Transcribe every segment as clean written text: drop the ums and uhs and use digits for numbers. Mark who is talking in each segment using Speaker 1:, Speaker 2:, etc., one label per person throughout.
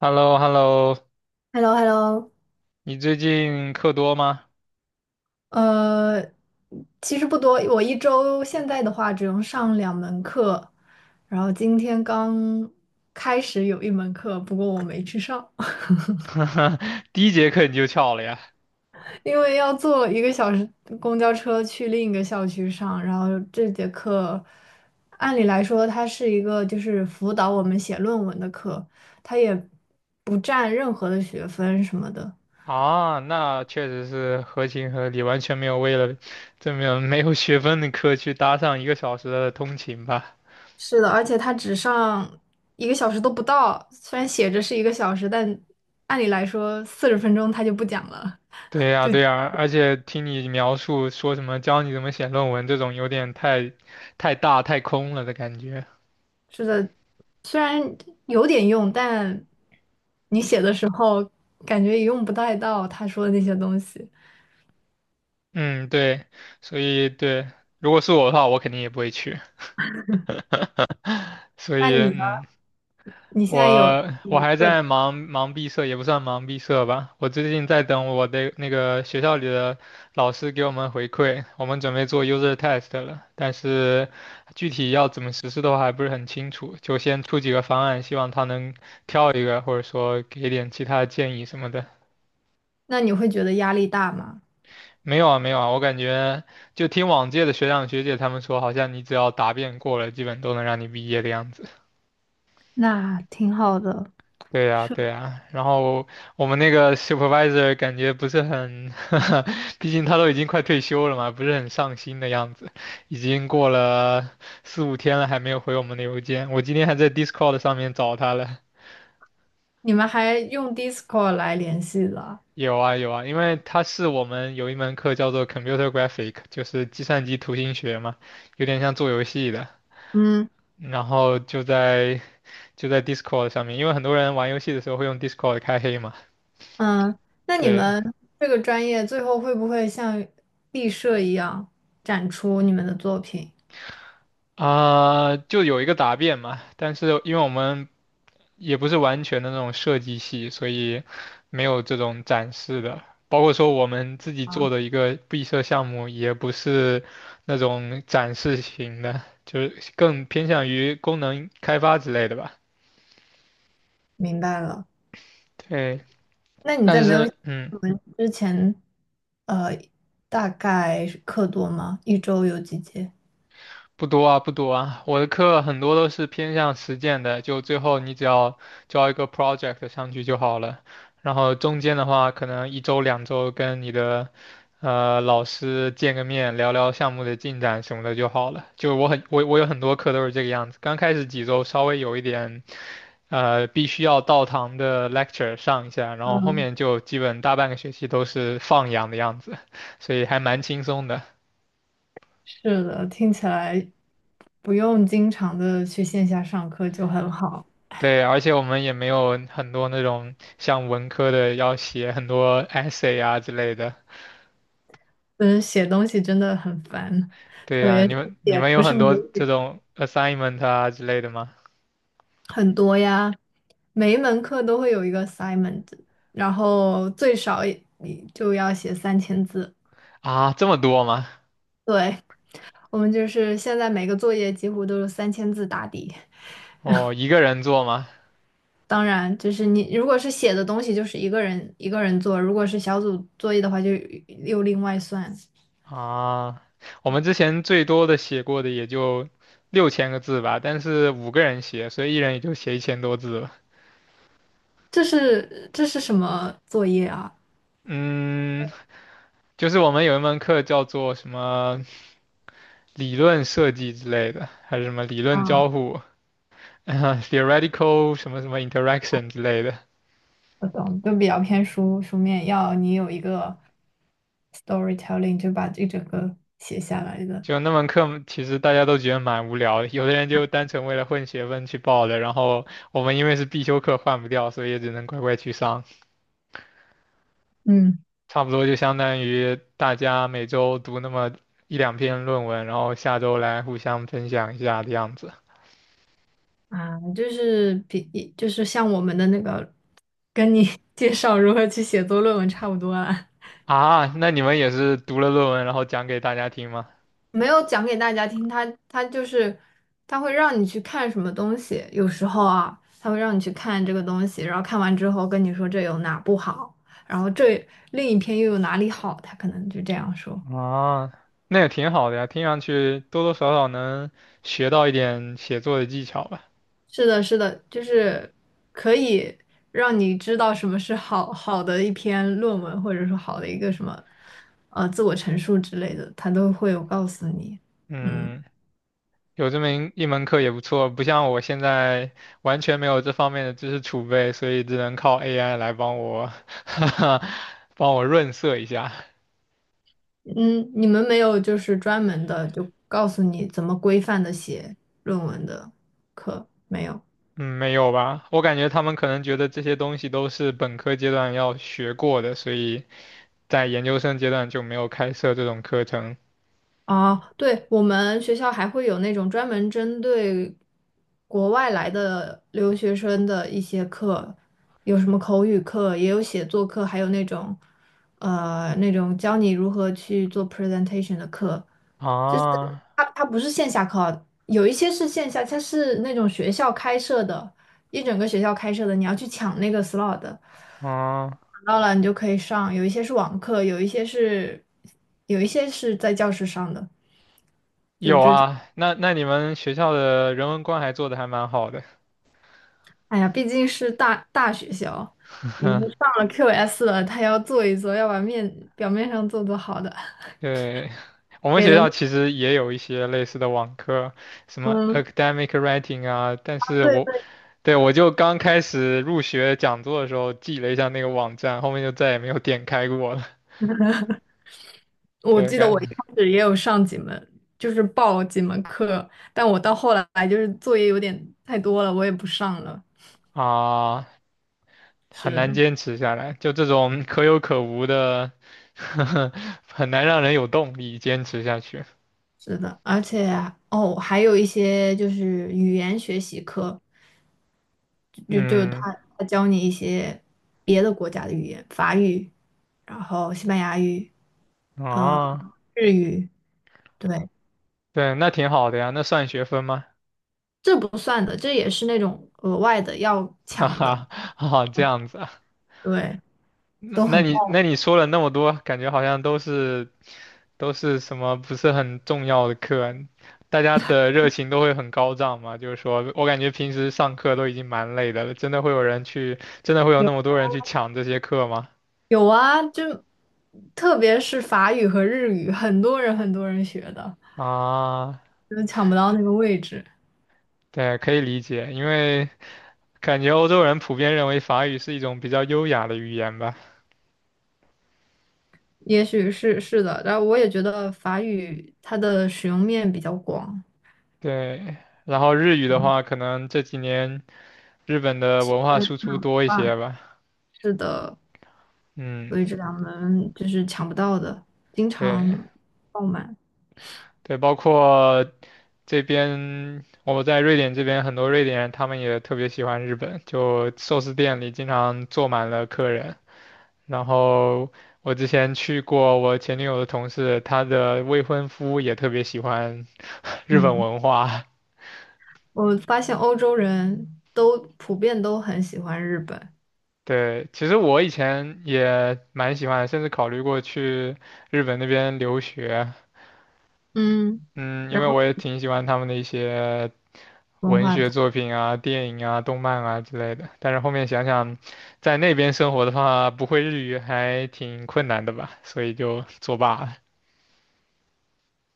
Speaker 1: h e l l o hello
Speaker 2: h e l l o h e l l o。
Speaker 1: 你最近课多吗？
Speaker 2: 呃，其实不多，我一周现在的话只用上2门课，然后今天刚开始有一门课，不过我没去上。
Speaker 1: 第一节课你就翘了呀？
Speaker 2: 因为要坐1个小时公交车去另一个校区上。然后这节课，按理来说它是一个就是辅导我们写论文的课，它也不占任何的学分什么的。
Speaker 1: 啊，那确实是合情合理，完全没有为了这么没有学分的课去搭上1个小时的通勤吧？
Speaker 2: 是的，而且他只上一个小时都不到，虽然写着是一个小时，但按理来说40分钟他就不讲了。
Speaker 1: 对呀，对呀，而且听你描述说什么教你怎么写论文这种，有点太大太空了的感觉。
Speaker 2: 是的，虽然有点用，但你写的时候感觉也用不太到他说的那些东西。
Speaker 1: 嗯，对，所以对，如果是我的话，我肯定也不会去。所
Speaker 2: 那
Speaker 1: 以
Speaker 2: 你呢？你现在有
Speaker 1: 我
Speaker 2: 一
Speaker 1: 还
Speaker 2: 个。
Speaker 1: 在忙毕设，也不算忙毕设吧。我最近在等我的那个学校里的老师给我们回馈，我们准备做 user test 了，但是具体要怎么实施的话还不是很清楚，就先出几个方案，希望他能挑一个，或者说给点其他的建议什么的。
Speaker 2: 那你会觉得压力大吗？
Speaker 1: 没有啊，没有啊，我感觉就听往届的学长学姐他们说，好像你只要答辩过了，基本都能让你毕业的样子。
Speaker 2: 那挺好的。
Speaker 1: 对呀，
Speaker 2: 是。
Speaker 1: 对呀，然后我们那个 supervisor 感觉不是很 毕竟他都已经快退休了嘛，不是很上心的样子。已经过了四五天了，还没有回我们的邮件。我今天还在 Discord 上面找他了。
Speaker 2: 你们还用 Discord 来联系的？
Speaker 1: 有啊，有啊，因为他是我们有一门课叫做 Computer Graphic，就是计算机图形学嘛，有点像做游戏的。
Speaker 2: 嗯
Speaker 1: 然后就在 Discord 上面，因为很多人玩游戏的时候会用 Discord 开黑嘛。
Speaker 2: 嗯。那你
Speaker 1: 对，
Speaker 2: 们这个专业最后会不会像毕设一样展出你们的作品？
Speaker 1: 啊、就有一个答辩嘛，但是因为我们也不是完全的那种设计系，所以没有这种展示的。包括说我们自己做的一个闭设项目，也不是那种展示型的，就是更偏向于功能开发之类的吧。
Speaker 2: 明白了。
Speaker 1: 对，
Speaker 2: 那你在
Speaker 1: 但
Speaker 2: 没有
Speaker 1: 是嗯。
Speaker 2: 我们之前，呃，大概是课多吗？一周有几节？
Speaker 1: 不多啊，不多啊，我的课很多都是偏向实践的，就最后你只要交一个 project 上去就好了。然后中间的话，可能一周两周跟你的老师见个面，聊聊项目的进展什么的就好了。就我有很多课都是这个样子，刚开始几周稍微有一点必须要到堂的 lecture 上一下，然后后面就基本大半个学期都是放养的样子，所以还蛮轻松的。
Speaker 2: 是的，听起来不用经常的去线下上课就很好。
Speaker 1: 对，而且我们也没有很多那种像文科的要写很多 essay 啊之类的。
Speaker 2: 嗯，写东西真的很烦，
Speaker 1: 对
Speaker 2: 特
Speaker 1: 呀，
Speaker 2: 别
Speaker 1: 你
Speaker 2: 是
Speaker 1: 们你
Speaker 2: 写
Speaker 1: 们
Speaker 2: 不
Speaker 1: 有
Speaker 2: 是
Speaker 1: 很多
Speaker 2: 母
Speaker 1: 这
Speaker 2: 语
Speaker 1: 种 assignment 啊之类的吗？
Speaker 2: 很多呀，每一门课都会有一个 assignment，然后最少也你就要写三千字。
Speaker 1: 啊，这么多吗？
Speaker 2: 对，我们就是现在每个作业几乎都是三千字打底。
Speaker 1: 哦，一个人做吗？
Speaker 2: 当然，就是你如果是写的东西，就是一个人一个人做；如果是小组作业的话，就又另外算。
Speaker 1: 啊，我们之前最多的写过的也就6000个字吧，但是5个人写，所以一人也就写1000多字了。
Speaker 2: 这是什么作业啊？
Speaker 1: 嗯，就是我们有一门课叫做什么理论设计之类的，还是什么理论交
Speaker 2: 啊，
Speaker 1: 互，啊 theoretical 什么什么 interaction 之类的。
Speaker 2: 我懂，就比较偏书面，要你有一个 storytelling，就把这整个写下来的。
Speaker 1: 就那门课，其实大家都觉得蛮无聊的，有的人就单纯为了混学分去报的，然后我们因为是必修课换不掉，所以也只能乖乖去上。
Speaker 2: 嗯。
Speaker 1: 差不多就相当于大家每周读那么一两篇论文，然后下周来互相分享一下的样子。
Speaker 2: 啊，就是比就是像我们的那个，跟你 介绍如何去写作论文差不多啊。
Speaker 1: 啊，那你们也是读了论文然后讲给大家听吗？
Speaker 2: 没有讲给大家听，他就是他会让你去看什么东西。有时候啊，他会让你去看这个东西，然后看完之后跟你说这有哪不好，然后这另一篇又有哪里好，他可能就这样说。
Speaker 1: 啊，那也挺好的呀，听上去多多少少能学到一点写作的技巧吧。
Speaker 2: 是的，是的，就是可以让你知道什么是好好的一篇论文，或者说好的一个什么自我陈述之类的，他都会有告诉你。嗯
Speaker 1: 嗯，有这么一门课也不错，不像我现在完全没有这方面的知识储备，所以只能靠 AI 来帮我，帮我润色一下。
Speaker 2: 嗯。你们没有就是专门的就告诉你怎么规范的写论文的课，没有。
Speaker 1: 嗯，没有吧？我感觉他们可能觉得这些东西都是本科阶段要学过的，所以在研究生阶段就没有开设这种课程。
Speaker 2: 啊，对，我们学校还会有那种专门针对国外来的留学生的一些课，有什么口语课，也有写作课，还有那种教你如何去做 presentation 的课。就是
Speaker 1: 啊，
Speaker 2: 它不是线下课啊，有一些是线下，它是那种学校开设的，一整个学校开设的，你要去抢那个 slot 的。
Speaker 1: 啊，
Speaker 2: 到了你就可以上，有一些是网课，有一些是在教室上的。
Speaker 1: 有啊，那那你们学校的人文关怀做的还蛮好的。
Speaker 2: 哎呀，毕竟是大学校，已经上了 QS 了，他要做一做，要把表面上做做好的，
Speaker 1: 对，我们
Speaker 2: 给
Speaker 1: 学
Speaker 2: 了。
Speaker 1: 校其实也有一些类似的网课，什么
Speaker 2: 嗯，
Speaker 1: academic writing 啊，但是
Speaker 2: 对
Speaker 1: 我，
Speaker 2: 对，
Speaker 1: 对，我就刚开始入学讲座的时候记了一下那个网站，后面就再也没有点开过了。
Speaker 2: 我
Speaker 1: 对，
Speaker 2: 记得我一开始也有上几门，就是报几门课，但我到后来就是作业有点太多了，我也不上了。
Speaker 1: 啊，很难
Speaker 2: 是
Speaker 1: 坚持下来，就这种可有可无的，很难让人有动力坚持下去。
Speaker 2: 是的，而且啊哦，还有一些就是语言学习课，就
Speaker 1: 嗯，
Speaker 2: 他教你一些别的国家的语言，法语，然后西班牙语，呃，
Speaker 1: 啊，
Speaker 2: 日语。对，
Speaker 1: 对，那挺好的呀，那算学分吗？
Speaker 2: 这不算的，这也是那种额外的要
Speaker 1: 哈
Speaker 2: 抢的。
Speaker 1: 哈，啊，这样子啊。
Speaker 2: 对，
Speaker 1: 那
Speaker 2: 都
Speaker 1: 那
Speaker 2: 很
Speaker 1: 你
Speaker 2: 棒。
Speaker 1: 那你说了那么多，感觉好像都是什么不是很重要的课啊，大家的热情都会很高涨嘛。就是说我感觉平时上课都已经蛮累的了，真的会有人去，真的会有那么
Speaker 2: 有
Speaker 1: 多人去抢这些课吗？
Speaker 2: 有啊，就特别是法语和日语，很多人很多人学的，
Speaker 1: 啊，
Speaker 2: 就是抢不到那个位置。
Speaker 1: 对，可以理解，因为感觉欧洲人普遍认为法语是一种比较优雅的语言吧。
Speaker 2: 也许是的，然后我也觉得法语它的使用面比较广。
Speaker 1: 对，然后日语的
Speaker 2: 嗯，
Speaker 1: 话，可能这几年日本的文化
Speaker 2: 对
Speaker 1: 输出多一
Speaker 2: 吧？
Speaker 1: 些吧。
Speaker 2: 是的，
Speaker 1: 嗯。
Speaker 2: 所以这两门就是抢不到的，经
Speaker 1: 对，
Speaker 2: 常爆满。
Speaker 1: 对，包括这边我在瑞典这边，很多瑞典人他们也特别喜欢日本，就寿司店里经常坐满了客人。然后我之前去过我前女友的同事，她的未婚夫也特别喜欢日本
Speaker 2: 嗯，
Speaker 1: 文化。
Speaker 2: 我发现欧洲人都普遍都很喜欢日本。
Speaker 1: 对，其实我以前也蛮喜欢的，甚至考虑过去日本那边留学。
Speaker 2: 嗯。
Speaker 1: 嗯，因
Speaker 2: 然
Speaker 1: 为
Speaker 2: 后
Speaker 1: 我也挺喜欢他们的一些
Speaker 2: 文
Speaker 1: 文
Speaker 2: 化
Speaker 1: 学
Speaker 2: 的。
Speaker 1: 作品啊、电影啊、动漫啊之类的。但是后面想想，在那边生活的话，不会日语还挺困难的吧，所以就作罢了。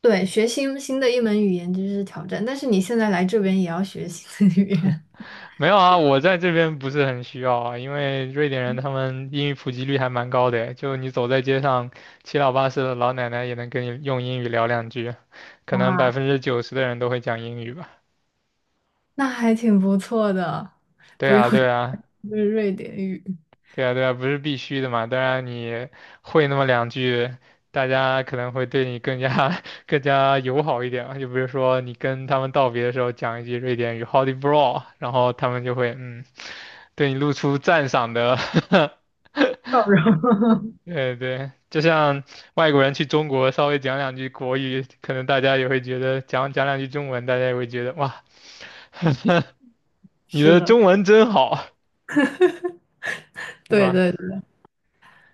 Speaker 2: 对，学新的一门语言就是挑战，但是你现在来这边也要学新的语言。
Speaker 1: 没有啊，我在这边不是很需要啊，因为瑞典人他们英语普及率还蛮高的，就你走在街上，七老八十的老奶奶也能跟你用英语聊两句，可
Speaker 2: 哇，
Speaker 1: 能90%的人都会讲英语吧。
Speaker 2: 那还挺不错的，
Speaker 1: 对
Speaker 2: 不用
Speaker 1: 啊，对啊，
Speaker 2: 就是瑞典语。
Speaker 1: 对啊，对啊，不是必须的嘛。当然，你会那么两句，大家可能会对你更加 更加友好一点嘛。就比如说，你跟他们道别的时候讲一句瑞典语 hodibra 然后他们就会嗯，对你露出赞赏的。对对，就像外国人去中国稍微讲两句国语，可能大家也会觉得讲讲两句中文，大家也会觉得哇，你
Speaker 2: 是
Speaker 1: 的
Speaker 2: 的，
Speaker 1: 中文真好，是
Speaker 2: 对
Speaker 1: 吧？
Speaker 2: 对对。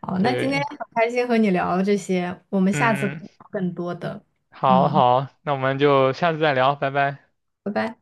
Speaker 2: 好，那今天
Speaker 1: 对，
Speaker 2: 很开心和你聊这些，我们下次可
Speaker 1: 嗯嗯。
Speaker 2: 以聊更多的。
Speaker 1: 好
Speaker 2: 嗯，
Speaker 1: 好，那我们就下次再聊，拜拜。
Speaker 2: 拜拜。